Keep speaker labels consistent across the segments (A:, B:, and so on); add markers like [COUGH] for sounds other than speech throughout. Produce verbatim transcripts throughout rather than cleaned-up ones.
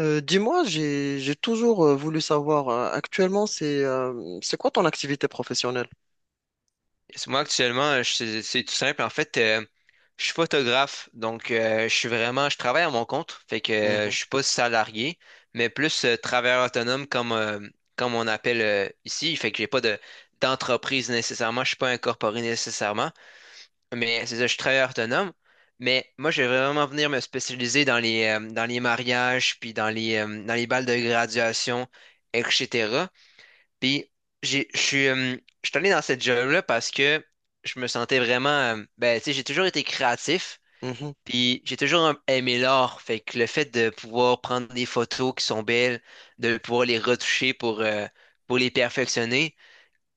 A: Euh, dis-moi, j'ai j'ai toujours euh, voulu savoir, euh, actuellement, c'est euh, c'est quoi ton activité professionnelle?
B: C'est moi, actuellement, euh, je- c'est c'est tout simple. En fait, euh, je suis photographe, donc euh, je suis vraiment, je travaille à mon compte, fait que euh, je
A: Mhm,
B: suis pas salarié, mais plus euh, travailleur autonome comme, euh, comme on appelle euh, ici, fait que j'ai pas de d'entreprise nécessairement, je suis pas incorporé nécessairement, mais c'est ça, je suis travailleur autonome. Mais moi, je vais vraiment venir me spécialiser dans les, euh, dans les mariages, puis dans les, euh, dans les balles de graduation, et cetera. Puis j'ai, je suis, euh, je suis allé dans cette job-là parce que je me sentais vraiment, euh, ben, tu sais, j'ai toujours été créatif,
A: mhm,
B: puis j'ai toujours euh, aimé l'art. Fait que le fait de pouvoir prendre des photos qui sont belles, de pouvoir les retoucher pour, euh, pour les perfectionner,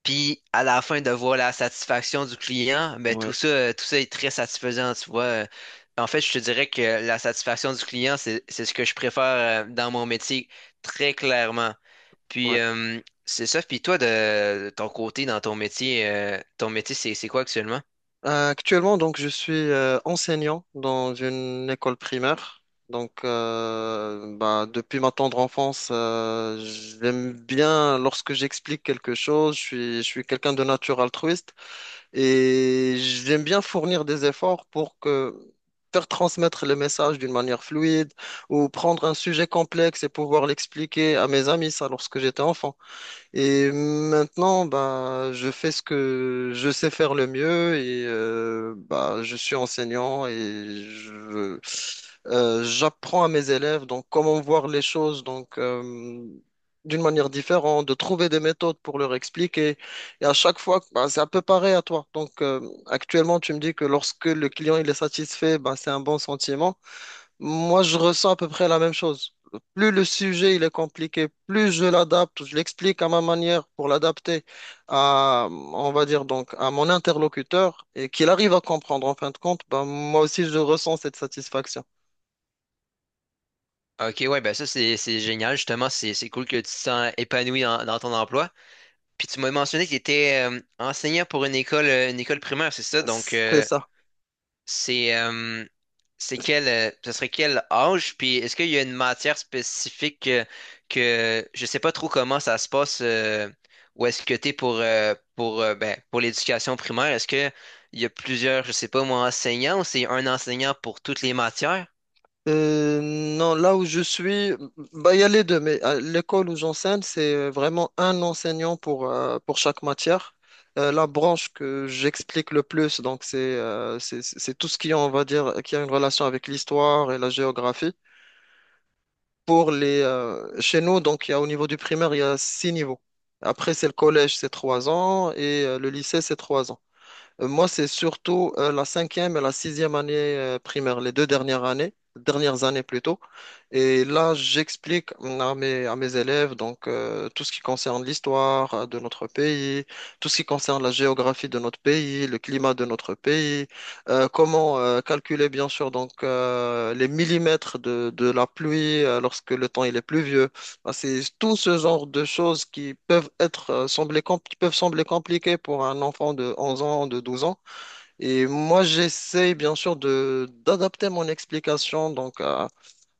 B: puis à la fin de voir la satisfaction du client, ben, tout
A: ouais,
B: ça, euh, tout ça est très satisfaisant, tu vois. Euh, En fait, je te dirais que la satisfaction du client, c'est, c'est ce que je préfère, euh, dans mon métier, très clairement. Puis
A: ouais.
B: euh, c'est ça. Puis toi, de, ton côté, dans ton métier, euh, ton métier, c'est c'est quoi actuellement?
A: Euh, actuellement, donc, je suis euh, enseignant dans une école primaire. Donc, euh, bah, depuis ma tendre enfance, euh, j'aime bien lorsque j'explique quelque chose. Je suis, je suis quelqu'un de nature altruiste. Et j'aime bien fournir des efforts pour que faire transmettre le message d'une manière fluide ou prendre un sujet complexe et pouvoir l'expliquer à mes amis, ça, lorsque j'étais enfant. Et maintenant, bah, je fais ce que je sais faire le mieux et euh, bah, je suis enseignant et je, euh, j'apprends à mes élèves donc comment voir les choses donc euh, d'une manière différente, de trouver des méthodes pour leur expliquer. Et à chaque fois, bah, c'est un peu pareil à toi. Donc euh, actuellement, tu me dis que lorsque le client il est satisfait, bah, c'est un bon sentiment. Moi, je ressens à peu près la même chose. Plus le sujet il est compliqué, plus je l'adapte, je l'explique à ma manière pour l'adapter à, on va dire donc, à mon interlocuteur et qu'il arrive à comprendre en fin de compte, ben, moi aussi je ressens cette satisfaction.
B: Ok, ouais, ben ça, c'est c'est génial, justement. C'est c'est cool que tu te sens épanoui dans, dans ton emploi. Puis tu m'as mentionné que tu étais euh, enseignant pour une école, euh, une école primaire, c'est ça? Donc,
A: C'est
B: euh,
A: ça.
B: C'est euh, c'est quel euh, ce serait quel âge? Puis est-ce qu'il y a une matière spécifique que, que je sais pas trop comment ça se passe euh, où est-ce que t'es pour euh, pour euh, ben, pour l'éducation primaire? Est-ce que il y a plusieurs, je sais pas moi, enseignants ou c'est un enseignant pour toutes les matières?
A: Euh, non, là où je suis, bah, il y a les deux, mais à l'école où j'enseigne, c'est euh, vraiment un enseignant pour, euh, pour chaque matière. Euh, la branche que j'explique le plus, donc c'est euh, c'est c'est tout ce qui, on va dire, qui a une relation avec l'histoire et la géographie. Pour les, euh, chez nous, donc il y a, au niveau du primaire, il y a six niveaux. Après, c'est le collège, c'est trois ans, et euh, le lycée, c'est trois ans. Euh, Moi, c'est surtout euh, la cinquième et la sixième année euh, primaire, les deux dernières années, dernières années plutôt. Et là, j'explique mm, à mes, à mes élèves donc euh, tout ce qui concerne l'histoire euh, de notre pays, tout ce qui concerne la géographie de notre pays, le climat de notre pays, euh, comment euh, calculer bien sûr donc euh, les millimètres de, de la pluie euh, lorsque le temps il est pluvieux. Ah, c'est tout ce genre de choses qui peuvent être euh, sembler compl- qui peuvent sembler compliquées pour un enfant de onze ans, de douze ans. Et moi, j'essaie bien sûr de d'adapter mon explication donc à,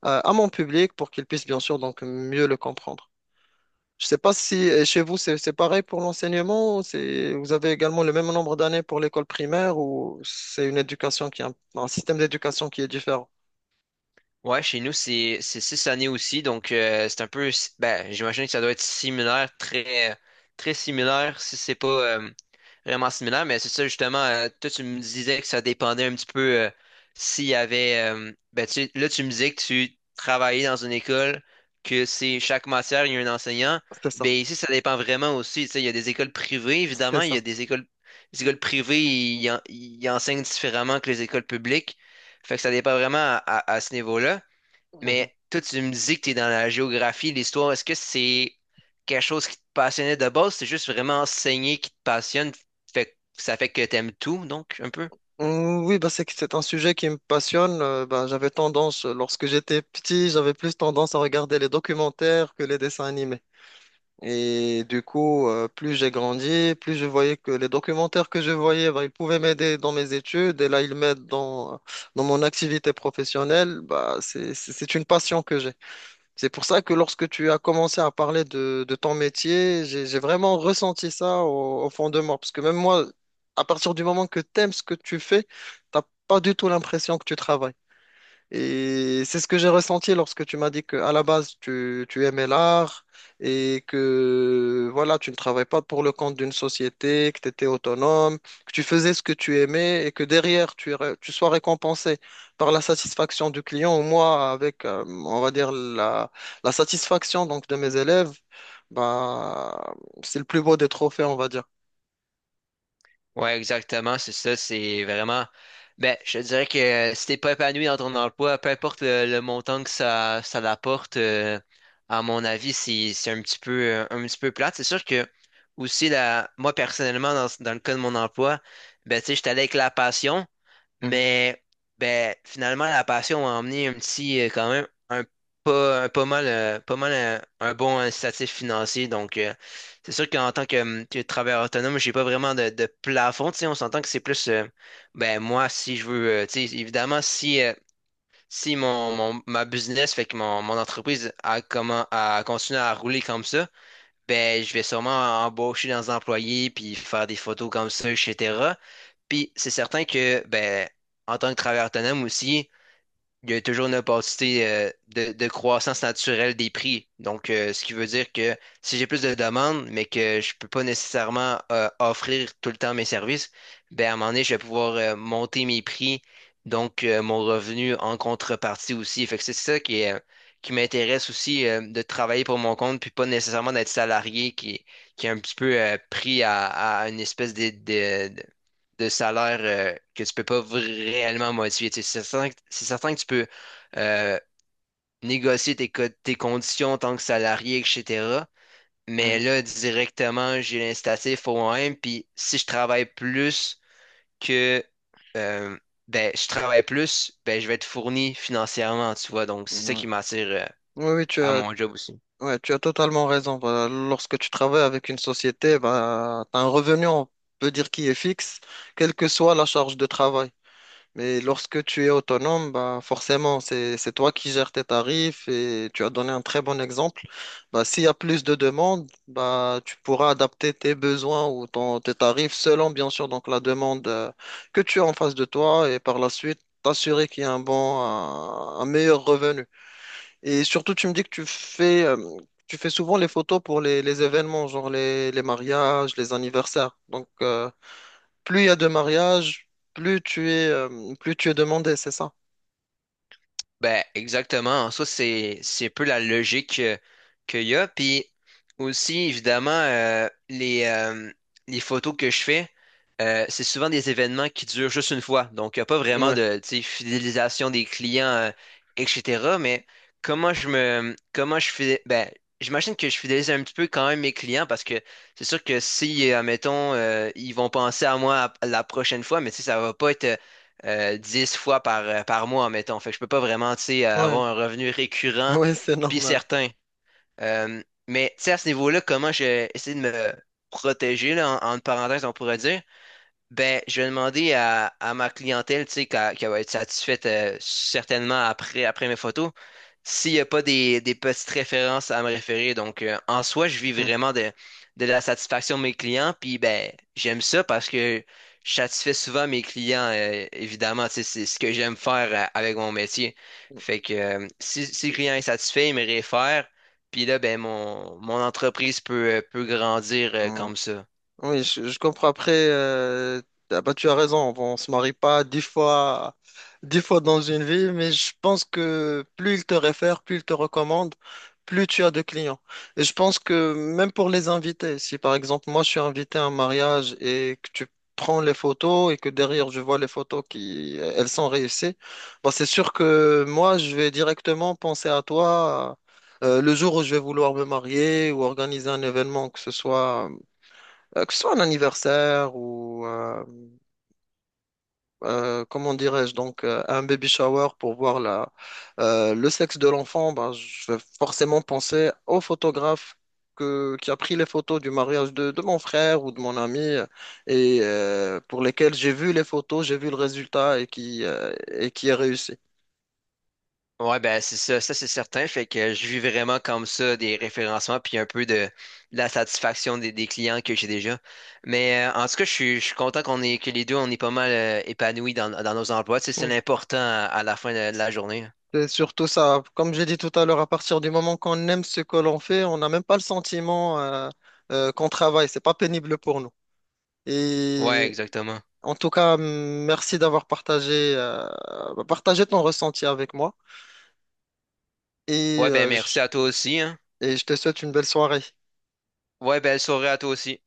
A: à- à mon public pour qu'il puisse bien sûr donc mieux le comprendre. Je sais pas si euh, chez vous c'est c'est pareil pour l'enseignement, ou c'est vous avez également le même nombre d'années pour l'école primaire ou c'est une éducation qui est un, un système d'éducation qui est différent.
B: Ouais, chez nous, c'est c'est six années aussi, donc euh, c'est un peu, si- ben, j'imagine que ça doit être similaire, très très similaire, si c'est pas euh, vraiment similaire, mais c'est ça justement. euh, toi, tu me disais que ça dépendait un petit peu euh, s'il y avait, euh, ben, tu, sais, là, tu me disais que tu travaillais dans une école, que c'est chaque matière il y a un enseignant.
A: C'est ça,
B: Ben ici, ça dépend vraiment aussi. Tu sais, il y a des écoles privées,
A: c'est
B: évidemment, il y a
A: ça.
B: des écoles, les écoles privées, ils en- ils enseignent différemment que les écoles publiques. Fait que ça dépend vraiment à, à- à ce niveau-là.
A: Mhm.
B: Mais toi, tu me dis que tu es dans la géographie, l'histoire. Est-ce que c'est quelque chose qui te passionnait de base? C'est juste vraiment enseigner qui te passionne. Fait, que ça fait que t'aimes tout, donc, un peu?
A: Mm, Oui, bah, c'est que c'est un sujet qui me passionne. Euh, bah, j'avais tendance, euh, lorsque j'étais petit, j'avais plus tendance à regarder les documentaires que les dessins animés. Et du coup, euh, plus j'ai grandi, plus je voyais que les documentaires que je voyais, bah, ils pouvaient m'aider dans mes études. Et là, ils m'aident dans, dans mon activité professionnelle. Bah, c'est, c'est c'est une passion que j'ai. C'est pour ça que lorsque tu as commencé à parler de, de ton métier, j'ai, j'ai vraiment ressenti ça au, au fond de moi. Parce que même moi, à partir du moment que tu aimes ce que tu fais, t'as pas du tout l'impression que tu travailles. Et c'est ce que j'ai ressenti lorsque tu m'as dit que à la base, tu, tu aimais l'art et que voilà, tu ne travailles pas pour le compte d'une société, que tu étais autonome, que tu faisais ce que tu aimais et que derrière, tu, ré- tu sois récompensé par la satisfaction du client ou moi avec, euh, on va dire, la, la satisfaction donc, de mes élèves. Bah, c'est le plus beau des trophées, on va dire.
B: Ouais, exactement. C'est ça. C'est vraiment. Ben, je te dirais que si t'es pas épanoui dans ton emploi, peu importe le, le montant que ça, ça l'apporte, euh, à mon avis, c'est, c'est un petit peu, un petit peu plate. C'est sûr que aussi, la, moi, personnellement, dans, dans le cas de mon emploi, ben, tu sais, j'étais allé avec la passion.
A: Mhm,
B: Mais ben, finalement, la passion m'a emmené un petit, euh, quand même, un pas, un pas mal, euh, pas mal euh, un, bon incitatif financier. Donc, euh, c'est sûr qu'en tant que, hum, que travailleur autonome, j'ai pas vraiment de, de plafond. Tu sais, on s'entend que c'est plus, euh, ben, moi, si je veux, euh, tu sais, évidemment, si, euh, si mon, mon- ma business fait que mon, mon entreprise a, comment, a continué à rouler comme ça, ben, je vais sûrement embaucher des employés puis faire des photos comme ça, et cetera. Puis c'est certain que, ben, en tant que travailleur autonome aussi, il y a toujours une opportunité euh, de, de croissance naturelle des prix. Donc, euh, ce qui veut dire que si j'ai plus de demandes, mais que je peux pas nécessairement euh, offrir tout le temps mes services, ben, à un moment donné, je vais pouvoir euh, monter mes prix, donc euh, mon revenu en contrepartie aussi. Fait que c'est ça qui est, euh, qui m'intéresse aussi, euh, de travailler pour mon compte, puis pas nécessairement d'être salarié qui, qui est un petit peu euh, pris à, à une espèce de, de salaire euh, que tu peux pas réellement modifier. Tu sais, c'est certain, que- c'est certain que tu peux euh, négocier tes, co- tes conditions en tant que salarié, et cetera. Mais
A: mhm,
B: là, directement, j'ai l'incitatif au moi-même. Puis si je travaille plus que euh, ben, je travaille plus, ben, je vais être fourni financièrement, tu vois. Donc, c'est ça
A: mhm, ouais.
B: qui m'attire euh,
A: Oui, oui, tu
B: à
A: as,
B: mon job aussi.
A: ouais, tu as totalement raison. Bah, lorsque tu travailles avec une société, bah, tu as un revenu, on peut dire, qui est fixe, quelle que soit la charge de travail. Mais lorsque tu es autonome, bah, forcément, c'est, c'est toi qui gères tes tarifs et tu as donné un très bon exemple. Bah, s'il y a plus de demandes, bah, tu pourras adapter tes besoins ou ton, tes tarifs selon, bien sûr, donc la demande euh, que tu as en face de toi et par la suite, t'assurer qu'il y a un bon, un un meilleur revenu. Et surtout, tu me dis que tu fais, euh, tu fais souvent les photos pour les, les événements, genre les, les mariages, les anniversaires. Donc, euh, plus il y a de mariages, plus tu es, euh, plus tu es demandé, c'est ça?
B: Ben, exactement. En soi, c'est, c'est un peu la logique euh, qu'il y a. Puis aussi, évidemment, euh, les, euh, les photos que je fais, euh, c'est souvent des événements qui durent juste une fois. Donc, il n'y a pas vraiment
A: Ouais,
B: de, tu sais, fidélisation des clients, euh, et cetera. Mais comment je me, comment je fais, ben, j'imagine que je fidélise un petit peu quand même mes clients parce que c'est sûr que si, euh, admettons, euh, ils vont penser à moi la prochaine fois, mais tu sais, ça va pas être euh, dix fois par, euh, par mois, mettons. Fait que je peux pas vraiment, tu sais,
A: ouais,
B: avoir un revenu
A: [LAUGHS]
B: récurrent
A: ouais, c'est
B: puis
A: normal.
B: certain. Euh, mais, tu sais, à ce niveau-là, comment j'ai essayé de me protéger, là, en, entre parenthèses, on pourrait dire, ben, je vais demander à, à ma clientèle, tu sais, qu'elle qu'elle va être satisfaite euh, certainement après, après mes photos, s'il n'y a pas des, des petites références à me référer. Donc, euh, en soi, je vis vraiment de, de la satisfaction de mes clients. Puis, ben, j'aime ça parce que je satisfais souvent mes clients, euh, évidemment. Tu sais, c'est ce que j'aime faire euh, avec mon métier. Fait que euh, si, si le client est satisfait, il me réfère. Puis là, ben, mon, mon entreprise peut, euh, peut grandir euh,
A: Mm.
B: comme ça.
A: Oui, je, je comprends. Après, euh, ah bah, tu as raison, on, se marie pas dix fois, dix fois dans une vie, mais je pense que plus ils te réfèrent, plus ils te recommandent, plus tu as de clients. Et je pense que même pour les invités, si par exemple moi je suis invité à un mariage et que tu prends les photos et que derrière je vois les photos qui, elles sont réussies, bah, c'est sûr que moi je vais directement penser à toi. Euh, le jour où je vais vouloir me marier ou organiser un événement, que ce soit euh, que ce soit un anniversaire ou, euh, euh, comment dirais-je, donc euh, un baby shower pour voir la, euh, le sexe de l'enfant, ben, je vais forcément penser au photographe que, qui a pris les photos du mariage de, de mon frère ou de mon ami euh, et euh, pour lesquels j'ai vu les photos, j'ai vu le résultat et qui, euh, et qui est réussi.
B: Ouais, ben c'est ça, ça c'est certain. Fait que je vis vraiment comme ça des référencements puis un peu de, de la satisfaction des, des clients que j'ai déjà. Mais euh, en tout cas, je suis, je suis content qu'on est que les deux on est pas mal euh, épanouis dans, dans nos emplois. Tu sais, c'est
A: Mm.
B: l'important à, à la fin de, de la journée.
A: C'est surtout ça. Comme j'ai dit tout à l'heure, à partir du moment qu'on aime ce que l'on fait, on n'a même pas le sentiment euh, euh, qu'on travaille. C'est pas pénible pour nous.
B: Ouais,
A: Et
B: exactement.
A: En tout cas, merci d'avoir partagé, euh, bah, partagé ton ressenti avec moi et,
B: Ouais, ben
A: euh, je-
B: merci à toi aussi, hein.
A: et je te souhaite une belle soirée.
B: Ouais, belle soirée à toi aussi.